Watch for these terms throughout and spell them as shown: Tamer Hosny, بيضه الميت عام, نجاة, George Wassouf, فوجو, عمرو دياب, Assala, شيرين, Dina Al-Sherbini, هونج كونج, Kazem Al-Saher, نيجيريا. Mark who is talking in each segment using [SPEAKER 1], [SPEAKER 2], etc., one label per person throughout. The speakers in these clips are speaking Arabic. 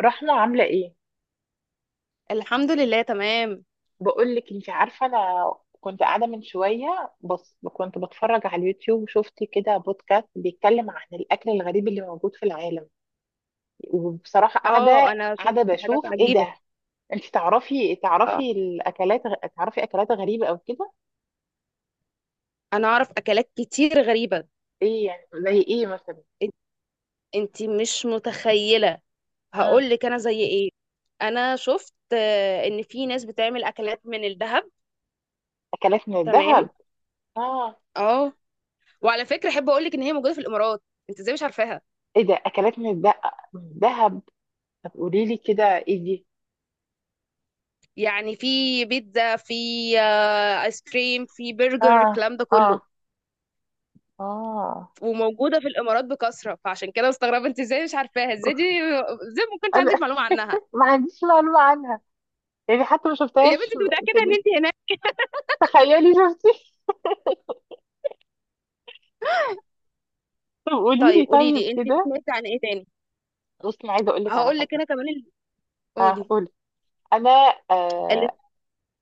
[SPEAKER 1] رحمة عاملة ايه؟
[SPEAKER 2] الحمد لله تمام.
[SPEAKER 1] بقول لك، انت عارفة انا كنت قاعدة من شوية بس كنت بتفرج على اليوتيوب وشفت كده بودكاست بيتكلم عن الاكل الغريب اللي موجود في العالم. وبصراحة
[SPEAKER 2] اه
[SPEAKER 1] قاعدة
[SPEAKER 2] انا شفت
[SPEAKER 1] قاعدة
[SPEAKER 2] حاجات
[SPEAKER 1] بشوف ايه
[SPEAKER 2] عجيبة.
[SPEAKER 1] ده؟ انت تعرفي
[SPEAKER 2] اه
[SPEAKER 1] تعرفي الاكلات، تعرفي اكلات غريبة او كده؟
[SPEAKER 2] انا اعرف اكلات كتير غريبة.
[SPEAKER 1] ايه يعني زي ايه مثلا؟
[SPEAKER 2] إن- انتي مش متخيلة،
[SPEAKER 1] مم.
[SPEAKER 2] هقول لك انا زي ايه. انا شفت ان في ناس بتعمل اكلات من الذهب.
[SPEAKER 1] اكلات من
[SPEAKER 2] تمام
[SPEAKER 1] الذهب. اه.
[SPEAKER 2] اه. وعلى فكرة احب اقول لك ان هي موجودة في الامارات، انت ازاي مش عارفاها؟
[SPEAKER 1] ايه ده، اكلات من الذهب من الذهب؟ طب قولي لي كده ايه دي؟
[SPEAKER 2] يعني في بيتزا، في ايس كريم، في برجر،
[SPEAKER 1] اه.
[SPEAKER 2] الكلام ده
[SPEAKER 1] اه.
[SPEAKER 2] كله.
[SPEAKER 1] اه.
[SPEAKER 2] وموجودة في الامارات بكثرة، فعشان كده مستغربة انت ازاي مش عارفاها، ازاي دي، ازاي ما كانش
[SPEAKER 1] انا
[SPEAKER 2] عندك معلومة عنها.
[SPEAKER 1] ما عنديش معلومة عنها، يعني حتى ما
[SPEAKER 2] يا
[SPEAKER 1] شفتهاش.
[SPEAKER 2] بنتي انت
[SPEAKER 1] في
[SPEAKER 2] متأكدة ان
[SPEAKER 1] ال-
[SPEAKER 2] انت هناك؟
[SPEAKER 1] تخيلي شفتي طب قولي
[SPEAKER 2] طيب
[SPEAKER 1] لي
[SPEAKER 2] قولي
[SPEAKER 1] طيب
[SPEAKER 2] لي انت
[SPEAKER 1] كده.
[SPEAKER 2] سمعتي عن ايه تاني.
[SPEAKER 1] بصي انا عايزه اقول لك على
[SPEAKER 2] هقول لك
[SPEAKER 1] حاجه.
[SPEAKER 2] انا كمان
[SPEAKER 1] اه
[SPEAKER 2] قولي.
[SPEAKER 1] قولي. انا
[SPEAKER 2] ال-
[SPEAKER 1] آه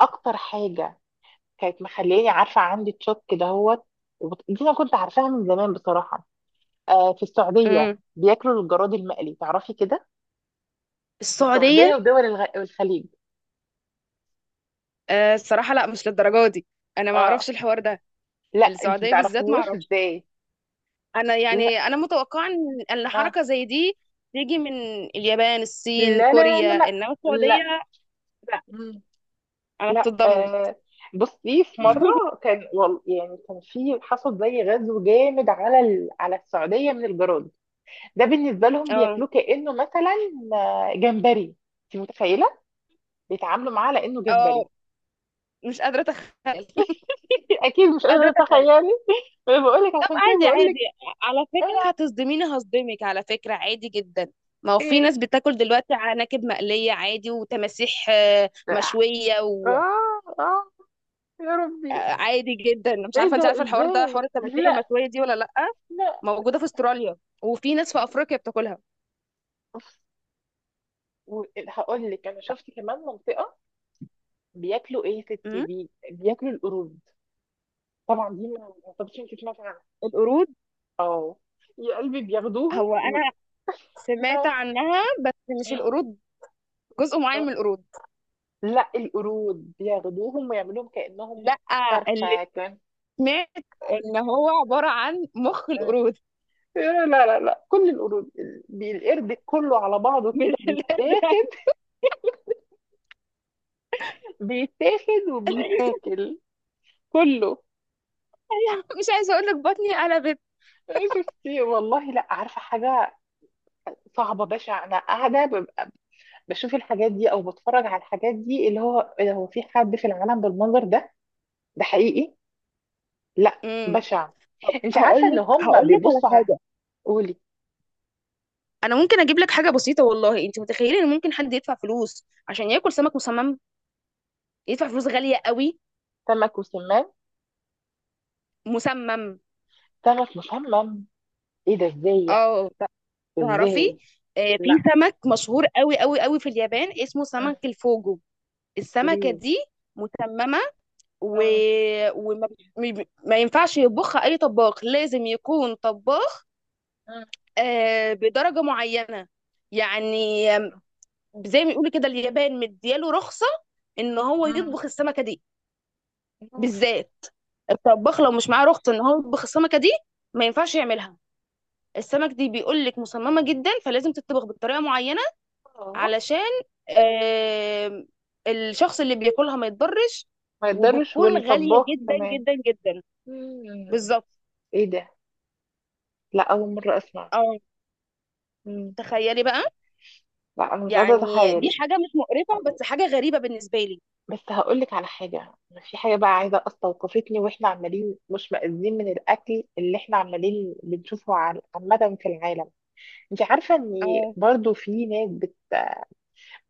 [SPEAKER 1] اكتر حاجه كانت مخلياني عارفه عندي تشوك دهوت. دي انا كنت عارفاها من زمان بصراحه. في السعوديه
[SPEAKER 2] امم
[SPEAKER 1] بياكلوا الجراد المقلي، تعرفي كده. في السعوديه
[SPEAKER 2] السعودية.
[SPEAKER 1] ودول الخليج.
[SPEAKER 2] آه الصراحة لا، مش للدرجة دي، انا ما اعرفش
[SPEAKER 1] اه.
[SPEAKER 2] الحوار ده.
[SPEAKER 1] لا انت ما
[SPEAKER 2] السعودية بالذات ما
[SPEAKER 1] تعرفوش
[SPEAKER 2] اعرفش.
[SPEAKER 1] ازاي.
[SPEAKER 2] انا
[SPEAKER 1] لا.
[SPEAKER 2] يعني انا متوقعة ان
[SPEAKER 1] اه.
[SPEAKER 2] حركة زي دي تيجي من اليابان، الصين،
[SPEAKER 1] لا لا لا
[SPEAKER 2] كوريا،
[SPEAKER 1] لا.
[SPEAKER 2] انما
[SPEAKER 1] لا,
[SPEAKER 2] السعودية لا.
[SPEAKER 1] لا.
[SPEAKER 2] انا
[SPEAKER 1] لا.
[SPEAKER 2] اتصدمت.
[SPEAKER 1] بصي، في مرة كان يعني كان في حصل زي غزو جامد على السعودية من الجراد. ده بالنسبة لهم
[SPEAKER 2] اه
[SPEAKER 1] بياكلوه كأنه مثلا جمبري. انت متخيلة، بيتعاملوا معاه لأنه جمبري.
[SPEAKER 2] اه، مش قادرة اتخيل، مش
[SPEAKER 1] أكيد مش قادرة
[SPEAKER 2] قادرة
[SPEAKER 1] أتخيلي. أنا بقول لك
[SPEAKER 2] طب
[SPEAKER 1] عشان كده
[SPEAKER 2] عادي
[SPEAKER 1] بقول لك.
[SPEAKER 2] عادي، على فكرة
[SPEAKER 1] آه.
[SPEAKER 2] هتصدميني هصدمك، على فكرة عادي جدا. ما هو في
[SPEAKER 1] إيه.
[SPEAKER 2] ناس بتاكل دلوقتي عناكب مقلية عادي، وتماسيح
[SPEAKER 1] آه.
[SPEAKER 2] مشوية،
[SPEAKER 1] آه. آه، يا ربي.
[SPEAKER 2] وعادي جدا. مش
[SPEAKER 1] إيه
[SPEAKER 2] عارفة انت
[SPEAKER 1] ده
[SPEAKER 2] عارفة الحوار ده،
[SPEAKER 1] إزاي؟
[SPEAKER 2] حوار التماسيح
[SPEAKER 1] لا.
[SPEAKER 2] المشوية دي ولا لأ؟
[SPEAKER 1] لا.
[SPEAKER 2] موجودة في استراليا، وفي ناس في أفريقيا بتاكلها.
[SPEAKER 1] هقول لك، أنا شفت كمان منطقة بياكلوا إيه يا ستي،
[SPEAKER 2] أمم.
[SPEAKER 1] بياكلوا القرود. طبعا دي ما اعتقدش انت سمعتي عنها.
[SPEAKER 2] القرود،
[SPEAKER 1] اه. يا قلبي بياخدوهم
[SPEAKER 2] هو أنا سمعت
[SPEAKER 1] اه.
[SPEAKER 2] عنها بس مش
[SPEAKER 1] مم.
[SPEAKER 2] القرود، جزء معين
[SPEAKER 1] اه.
[SPEAKER 2] من القرود.
[SPEAKER 1] لا القرود بياخدوهم ويعملوهم كأنهم
[SPEAKER 2] لأ، اللي
[SPEAKER 1] فرخة كان.
[SPEAKER 2] سمعت ان هو عبارة عن مخ
[SPEAKER 1] مم.
[SPEAKER 2] القرود.
[SPEAKER 1] لا لا لا كل القرود القرد كله على بعضه كده
[SPEAKER 2] مش اللي
[SPEAKER 1] بيتاخد، بيتاخد وبيتاكل كله.
[SPEAKER 2] مش عايزة اقول لك بطني قلبت.
[SPEAKER 1] شفتي والله، لا عارفة حاجة صعبة بشعة. أنا قاعدة ببقى بشوف الحاجات دي أو بتفرج على الحاجات دي، اللي هو إيه ده، هو في حد في العالم بالمنظر ده؟ ده حقيقي؟ لا
[SPEAKER 2] امم.
[SPEAKER 1] بشع. انت
[SPEAKER 2] هقول
[SPEAKER 1] عارفه ان
[SPEAKER 2] لك
[SPEAKER 1] هم
[SPEAKER 2] هقول لك على
[SPEAKER 1] بيبصوا على.
[SPEAKER 2] حاجه.
[SPEAKER 1] قولي.
[SPEAKER 2] انا ممكن اجيب لك حاجه بسيطه، والله انت متخيله ان ممكن حد يدفع فلوس عشان ياكل سمك مسمم؟ يدفع فلوس غاليه قوي،
[SPEAKER 1] سمك وسمان.
[SPEAKER 2] مسمم.
[SPEAKER 1] سمك مسمم. ايه ده، ازاي يعني؟
[SPEAKER 2] اه ت- تعرفي
[SPEAKER 1] ازاي؟
[SPEAKER 2] في
[SPEAKER 1] لا.
[SPEAKER 2] سمك مشهور قوي قوي قوي في اليابان اسمه
[SPEAKER 1] مم.
[SPEAKER 2] سمك الفوجو. السمكه
[SPEAKER 1] ليه؟
[SPEAKER 2] دي مسممه و...
[SPEAKER 1] مم.
[SPEAKER 2] وما بت- م- ب- ما ينفعش يطبخها اي طباخ، لازم يكون طباخ
[SPEAKER 1] مم.
[SPEAKER 2] بدرجه معينه. يعني زي ما بيقولوا كده، اليابان مدياله رخصة ان هو
[SPEAKER 1] مم.
[SPEAKER 2] يطبخ السمكة دي
[SPEAKER 1] أوف.
[SPEAKER 2] بالذات. الطباخ لو مش معاه رخصة ان هو يطبخ السمكة دي ما ينفعش يعملها. السمك دي بيقول لك مصممة جدا، فلازم تطبخ بطريقة معينة
[SPEAKER 1] آه.
[SPEAKER 2] علشان آم، الشخص اللي بياكلها ما يتضرش،
[SPEAKER 1] ما يقدرش،
[SPEAKER 2] وبتكون غالية
[SPEAKER 1] والطباخ
[SPEAKER 2] جدا
[SPEAKER 1] كمان.
[SPEAKER 2] جدا جدا.
[SPEAKER 1] مم.
[SPEAKER 2] بالظبط
[SPEAKER 1] ايه ده، لا اول مره اسمع.
[SPEAKER 2] اه.
[SPEAKER 1] مم.
[SPEAKER 2] تخيلي بقى،
[SPEAKER 1] لا انا مش قادره
[SPEAKER 2] يعني دي
[SPEAKER 1] اتخيل.
[SPEAKER 2] حاجة مش مقرفة بس حاجة غريبة بالنسبة لي.
[SPEAKER 1] بس هقول لك على حاجه. في حاجه بقى عايزه استوقفتني، واحنا عمالين مش مأذين من الاكل اللي احنا عمالين بنشوفه عامه في العالم. انت عارفة ان
[SPEAKER 2] اه
[SPEAKER 1] برضو في ناس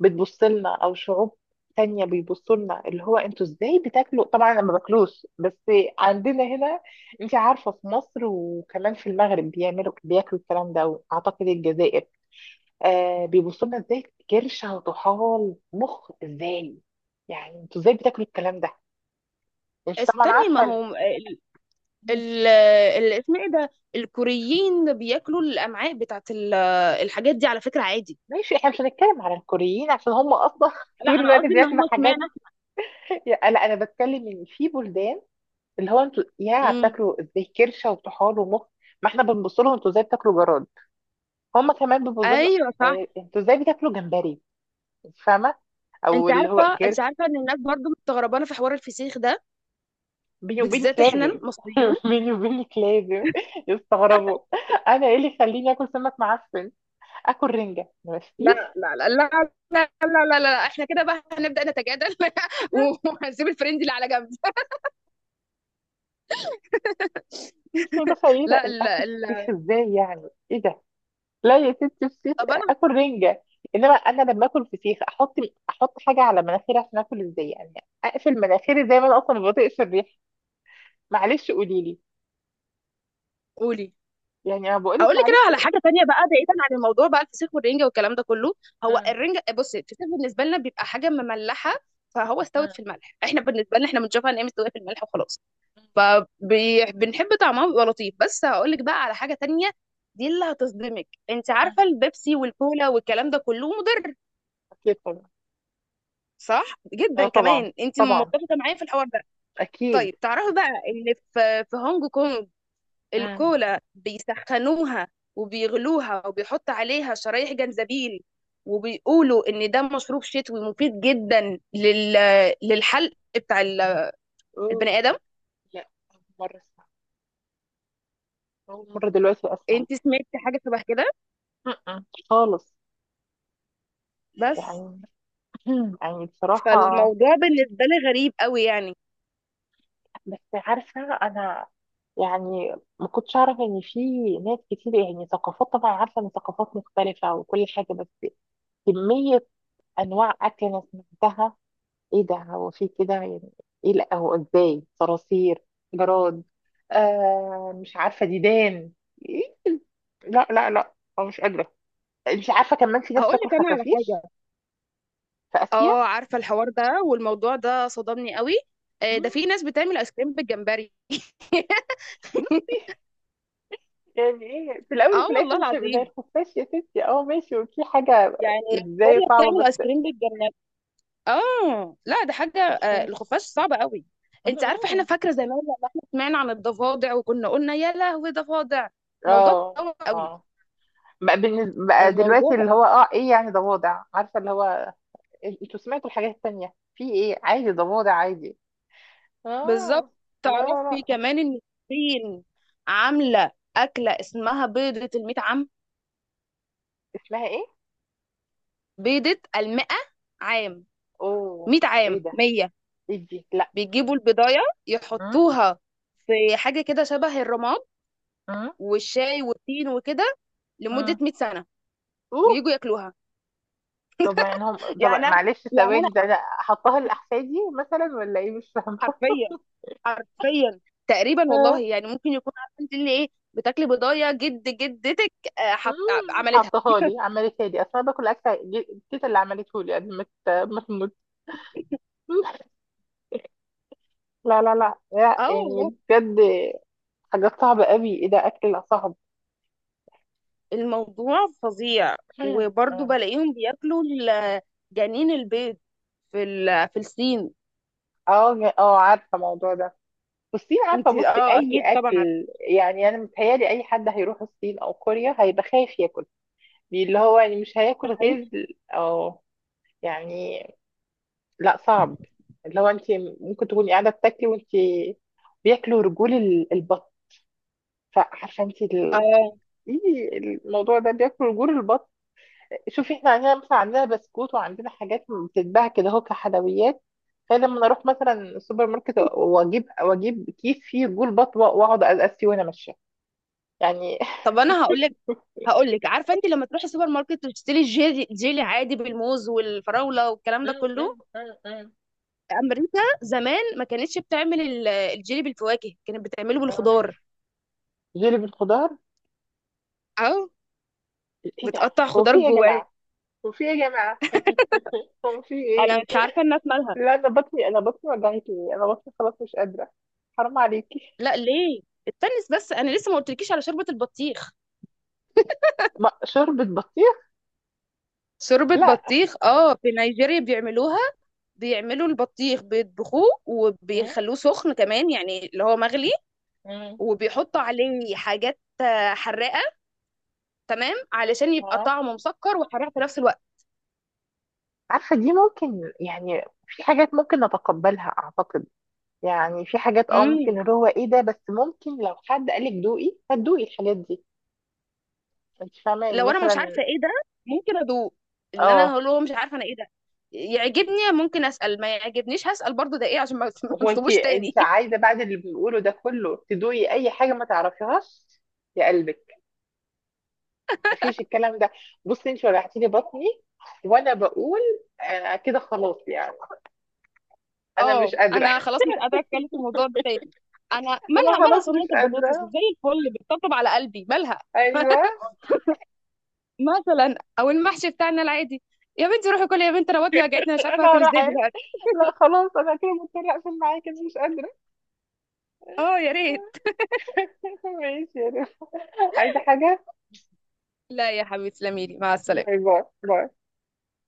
[SPEAKER 1] بتبص لنا او شعوب تانية بيبصوا لنا، اللي هو انتوا ازاي بتاكلوا؟ طبعا انا ما باكلوش بس عندنا هنا، انت عارفة، في مصر وكمان في المغرب بيعملوا بياكلوا الكلام ده، واعتقد الجزائر. بيبصوا لنا ازاي كرشة وطحال مخ؟ ازاي يعني انتوا ازاي بتاكلوا الكلام ده؟ انت طبعا
[SPEAKER 2] استني، ما
[SPEAKER 1] عارفة
[SPEAKER 2] هو اسمه ايه ده، الكوريين بياكلوا الامعاء بتاعت الحاجات دي، على فكره عادي.
[SPEAKER 1] ماشي، احنا مش هنتكلم على الكوريين عشان هم اصلا
[SPEAKER 2] لا
[SPEAKER 1] طول
[SPEAKER 2] انا
[SPEAKER 1] الوقت
[SPEAKER 2] قصدي ان
[SPEAKER 1] بياكلوا
[SPEAKER 2] هم
[SPEAKER 1] حاجات.
[SPEAKER 2] اشمعنى.
[SPEAKER 1] لا انا بتكلم ان في بلدان، اللي هو انتوا يا
[SPEAKER 2] امم.
[SPEAKER 1] بتاكلوا ازاي كرشه وطحال ومخ. ما احنا بنبص لهم انتوا ازاي بتاكلوا جراد، هم كمان بيبصوا لنا.
[SPEAKER 2] ايوه صح.
[SPEAKER 1] انتوا ازاي بتاكلوا جمبري، انت فاهمه، او
[SPEAKER 2] انت
[SPEAKER 1] اللي
[SPEAKER 2] عارفه
[SPEAKER 1] هو
[SPEAKER 2] انت
[SPEAKER 1] كرش.
[SPEAKER 2] عارفه ان الناس برضو مستغربانه في حوار الفسيخ ده،
[SPEAKER 1] بيني وبينك
[SPEAKER 2] بالذات احنا
[SPEAKER 1] لازم
[SPEAKER 2] المصريين.
[SPEAKER 1] بيني وبينك لازم يستغربوا. انا ايه اللي يخليني اكل سمك معفن، اكل رنجه، ما
[SPEAKER 2] لا
[SPEAKER 1] فيش.
[SPEAKER 2] لا لا لا، لا لا لا, لا. احنا كده بقى هنبدا نتجادل وهنسيب الفريند اللي على جنب.
[SPEAKER 1] مش متخيله
[SPEAKER 2] لا
[SPEAKER 1] اكل
[SPEAKER 2] لا
[SPEAKER 1] فيش،
[SPEAKER 2] لا.
[SPEAKER 1] ازاي يعني، ايه ده؟ لا يا ستي فسيخ
[SPEAKER 2] طب انا
[SPEAKER 1] اكل رنجه. انما انا لما اكل فسيخ احط حاجه على مناخيري عشان اكل، ازاي يعني، اقفل مناخيري زي ما انا اصلا ما بطيقش الريح. معلش قولي لي.
[SPEAKER 2] قولي.
[SPEAKER 1] يعني انا بقول
[SPEAKER 2] اقول
[SPEAKER 1] لك
[SPEAKER 2] لك كده
[SPEAKER 1] معلش.
[SPEAKER 2] على حاجه تانية بقى، بعيدا عن الموضوع بقى الفسيخ والرنجه والكلام ده كله. هو
[SPEAKER 1] مم.
[SPEAKER 2] الرنجه، بصي الفسيخ بالنسبه لنا بيبقى حاجه مملحه، فهو
[SPEAKER 1] مم.
[SPEAKER 2] استوت في الملح. احنا بالنسبه لنا احنا بنشوفها ان هي مستويه في الملح وخلاص، فبنحب طعمها بيبقى لطيف. بس هقول لك بقى على حاجه تانية، دي اللي هتصدمك. انت
[SPEAKER 1] مم.
[SPEAKER 2] عارفه البيبسي والكولا والكلام ده كله مضر،
[SPEAKER 1] اكيد طبعا.
[SPEAKER 2] صح؟
[SPEAKER 1] اه
[SPEAKER 2] جدا
[SPEAKER 1] طبعا.
[SPEAKER 2] كمان، انت
[SPEAKER 1] طبعا.
[SPEAKER 2] متفقه معايا في الحوار ده.
[SPEAKER 1] اكيد.
[SPEAKER 2] طيب تعرفي بقى ان في هونج كونج
[SPEAKER 1] مم.
[SPEAKER 2] الكولا بيسخنوها وبيغلوها وبيحط عليها شرايح جنزبيل، وبيقولوا ان ده مشروب شتوي مفيد جدا للحلق بتاع
[SPEAKER 1] اوه.
[SPEAKER 2] البني ادم.
[SPEAKER 1] لا أول مره اسمع، اول مره دلوقتي اسمع.
[SPEAKER 2] انت سمعتي حاجه شبه كده؟
[SPEAKER 1] مم. خالص.
[SPEAKER 2] بس
[SPEAKER 1] يعني يعني بصراحه،
[SPEAKER 2] فالموضوع بالنسبه لي غريب قوي يعني.
[SPEAKER 1] بس عارفه انا، يعني ما كنتش اعرف ان في ناس كتير، يعني ثقافات، طبعا عارفه ان ثقافات مختلفه وكل حاجه، بس كميه انواع اكل انا سمعتها. ايه ده، هو في كده يعني؟ ايه، لا، هو ازاي صراصير، جراد، مش عارفه ديدان. إيه؟ لا لا لا. أنا مش قادره. مش عارفه كمان في ناس
[SPEAKER 2] هقول
[SPEAKER 1] بتاكل
[SPEAKER 2] لك انا على
[SPEAKER 1] خفافيش
[SPEAKER 2] حاجه،
[SPEAKER 1] في اسيا.
[SPEAKER 2] اه عارفه الحوار ده والموضوع ده صدمني قوي. ده في
[SPEAKER 1] مم.
[SPEAKER 2] ناس بتعمل ايس كريم بالجمبري.
[SPEAKER 1] بص، يعني ايه في الاول
[SPEAKER 2] اه
[SPEAKER 1] وفي
[SPEAKER 2] والله
[SPEAKER 1] الاخر مش هيبقى زي
[SPEAKER 2] العظيم.
[SPEAKER 1] الخفاش يا ستي. اه ماشي، وفي حاجه
[SPEAKER 2] يعني
[SPEAKER 1] ازاي
[SPEAKER 2] كوريا
[SPEAKER 1] صعبه
[SPEAKER 2] بتعمل ايس
[SPEAKER 1] بس
[SPEAKER 2] كريم بالجمبري. اه لا ده حاجه
[SPEAKER 1] خفاش.
[SPEAKER 2] الخفاش صعب قوي. انت عارفه احنا
[SPEAKER 1] مم.
[SPEAKER 2] فاكره زمان لما احنا سمعنا عن الضفادع وكنا قلنا يا لهوي ضفادع، الموضوع
[SPEAKER 1] اه.
[SPEAKER 2] اتطور قوي.
[SPEAKER 1] اه بقى, بالنسبة بقى
[SPEAKER 2] الموضوع
[SPEAKER 1] دلوقتي
[SPEAKER 2] بقى
[SPEAKER 1] اللي هو ايه يعني ضفادع عارفه اللي هو انتوا سمعتوا الحاجات التانية؟ في ايه عادي ضفادع عادي.
[SPEAKER 2] بالظبط.
[SPEAKER 1] اه. لا لا
[SPEAKER 2] تعرفي
[SPEAKER 1] لا.
[SPEAKER 2] كمان ان الصين عامله اكله اسمها بيضه الميت عام،
[SPEAKER 1] اسمها ايه؟
[SPEAKER 2] بيضه المئة عام،
[SPEAKER 1] اوه.
[SPEAKER 2] 100
[SPEAKER 1] ايه
[SPEAKER 2] عام،
[SPEAKER 1] ده؟
[SPEAKER 2] 100.
[SPEAKER 1] ايه دي؟ لا.
[SPEAKER 2] بيجيبوا البضايه
[SPEAKER 1] مم،
[SPEAKER 2] يحطوها في حاجه كده شبه الرماد
[SPEAKER 1] مم،
[SPEAKER 2] والشاي والتين وكده، لمده
[SPEAKER 1] مم.
[SPEAKER 2] 100 سنه،
[SPEAKER 1] اوه.
[SPEAKER 2] ويجوا ياكلوها.
[SPEAKER 1] طب يعني هم. طب
[SPEAKER 2] يعني أنا-
[SPEAKER 1] معلش
[SPEAKER 2] يعني
[SPEAKER 1] ثواني ده انا حطها الاحفادي مثلا ولا ايه، مش فاهمه.
[SPEAKER 2] حرفيا حرفيا تقريبا، والله
[SPEAKER 1] آه.
[SPEAKER 2] يعني ممكن يكون عارفه انت اللي ايه بتاكلي بضايه جد جدتك. آه، حط... آه،
[SPEAKER 1] مم،
[SPEAKER 2] عملتها.
[SPEAKER 1] حطها لي، عملتها لي اصل انا باكل اكل تيتا اللي عملته لي قبل ما ما تموت. لا لا لا لا،
[SPEAKER 2] اه
[SPEAKER 1] يعني
[SPEAKER 2] والله،
[SPEAKER 1] بجد حاجات صعبة قوي، ايه ده اكل صعب.
[SPEAKER 2] الموضوع فظيع.
[SPEAKER 1] مم.
[SPEAKER 2] وبرضه
[SPEAKER 1] مم.
[SPEAKER 2] بلاقيهم بياكلوا جنين البيض في في الصين.
[SPEAKER 1] اه اه عارفة الموضوع ده، والصين عارفة،
[SPEAKER 2] انت
[SPEAKER 1] بصي
[SPEAKER 2] اه
[SPEAKER 1] اي
[SPEAKER 2] اكيد طبعا عارفه.
[SPEAKER 1] اكل، يعني انا متهيألي اي حد هيروح الصين او كوريا هيبقى خايف ياكل، يعني اللي هو يعني مش
[SPEAKER 2] ده
[SPEAKER 1] هياكل
[SPEAKER 2] حقيقي.
[SPEAKER 1] غير. او، يعني، لا صعب، اللي هو انت ممكن تكوني قاعدة بتاكلي وانت بياكلوا رجول البط، فعارفة انت
[SPEAKER 2] اه
[SPEAKER 1] إيه الموضوع ده بياكلوا رجول البط؟ شوفي احنا عندنا مثلا، عندنا بسكوت وعندنا حاجات بتتباع كده اهو كحلويات، فلما انا اروح مثلا السوبر ماركت واجيب كيس فيه جول بط واقعد ازقس فيه وانا ماشيه يعني
[SPEAKER 2] طب انا هقول لك عارفه انت لما تروحي السوبر ماركت وتشتري الجيلي، جيلي عادي بالموز والفراوله والكلام ده
[SPEAKER 1] م-
[SPEAKER 2] كله،
[SPEAKER 1] م- م- م.
[SPEAKER 2] امريكا زمان ما كانتش بتعمل الجيلي بالفواكه، كانت بتعمله
[SPEAKER 1] آه.
[SPEAKER 2] بالخضار.
[SPEAKER 1] جيلي بالخضار؟
[SPEAKER 2] اه
[SPEAKER 1] ايه ده؟
[SPEAKER 2] بتقطع
[SPEAKER 1] هو
[SPEAKER 2] خضار
[SPEAKER 1] في ايه يا
[SPEAKER 2] جواه.
[SPEAKER 1] جماعه، هو في ايه يا جماعه، هو في
[SPEAKER 2] انا
[SPEAKER 1] ايه؟
[SPEAKER 2] مش عارفه الناس مالها.
[SPEAKER 1] لا انا بطني، انا بطني وجعتني، انا بطني خلاص مش قادره. حرام عليكي.
[SPEAKER 2] لا ليه، استني، بس انا لسه ما قلتلكيش على شوربه البطيخ.
[SPEAKER 1] شوربه بطيخ؟
[SPEAKER 2] شوربة
[SPEAKER 1] لا.
[SPEAKER 2] بطيخ اه، في نيجيريا بيعملوها. بيعملوا البطيخ بيطبخوه
[SPEAKER 1] مم،
[SPEAKER 2] وبيخلوه سخن كمان، يعني اللي هو مغلي،
[SPEAKER 1] مم.
[SPEAKER 2] وبيحطوا عليه حاجات حراقة، تمام، علشان يبقى
[SPEAKER 1] آه.
[SPEAKER 2] طعمه مسكر وحراق في نفس الوقت.
[SPEAKER 1] عارفه دي ممكن، يعني في حاجات ممكن نتقبلها اعتقد، يعني في حاجات
[SPEAKER 2] مم.
[SPEAKER 1] ممكن اللي هو ايه ده، بس ممكن لو حد قالك دوقي هتدوقي الحاجات دي. انت فاهمه يعني
[SPEAKER 2] لو انا مش عارفة
[SPEAKER 1] مثلا.
[SPEAKER 2] ايه ده، ممكن ادوق. ان انا
[SPEAKER 1] اه.
[SPEAKER 2] هقول له مش عارفة انا ايه ده، يعجبني ممكن اسأل، ما يعجبنيش هسأل برضو ده ايه، عشان ما ما
[SPEAKER 1] هو انت
[SPEAKER 2] اطلبوش تاني.
[SPEAKER 1] انت عايزه بعد اللي بنقوله ده كله تدوقي اي حاجه ما تعرفيهاش؟ يا قلبك. مفيش الكلام ده. بصي انت وجعتي لي بطني، وانا بقول كده خلاص يعني انا مش
[SPEAKER 2] اه
[SPEAKER 1] قادره
[SPEAKER 2] انا خلاص مش قادره اتكلم في الموضوع ده تاني. انا
[SPEAKER 1] انا
[SPEAKER 2] مالها مالها
[SPEAKER 1] خلاص
[SPEAKER 2] صينيه
[SPEAKER 1] مش
[SPEAKER 2] البطاطس زي
[SPEAKER 1] قادره.
[SPEAKER 2] الفل بتطبطب على قلبي، مالها؟
[SPEAKER 1] ايوه.
[SPEAKER 2] مثلا او المحشي بتاعنا العادي. يا بنتي روحي كلي يا بنتي، انا بطني وجعتني، أنا مش عارفه
[SPEAKER 1] انا
[SPEAKER 2] اكل
[SPEAKER 1] هروح
[SPEAKER 2] ازاي
[SPEAKER 1] ايه؟
[SPEAKER 2] دلوقتي.
[SPEAKER 1] لا خلاص انا كده مضطره اقفل معاكي، انا مش قادره.
[SPEAKER 2] اه يا ريت.
[SPEAKER 1] ماشي يا رب. عايزه حاجه؟
[SPEAKER 2] لا يا حبيبتي تسلمي لي، مع السلامه.
[SPEAKER 1] باي باي باي.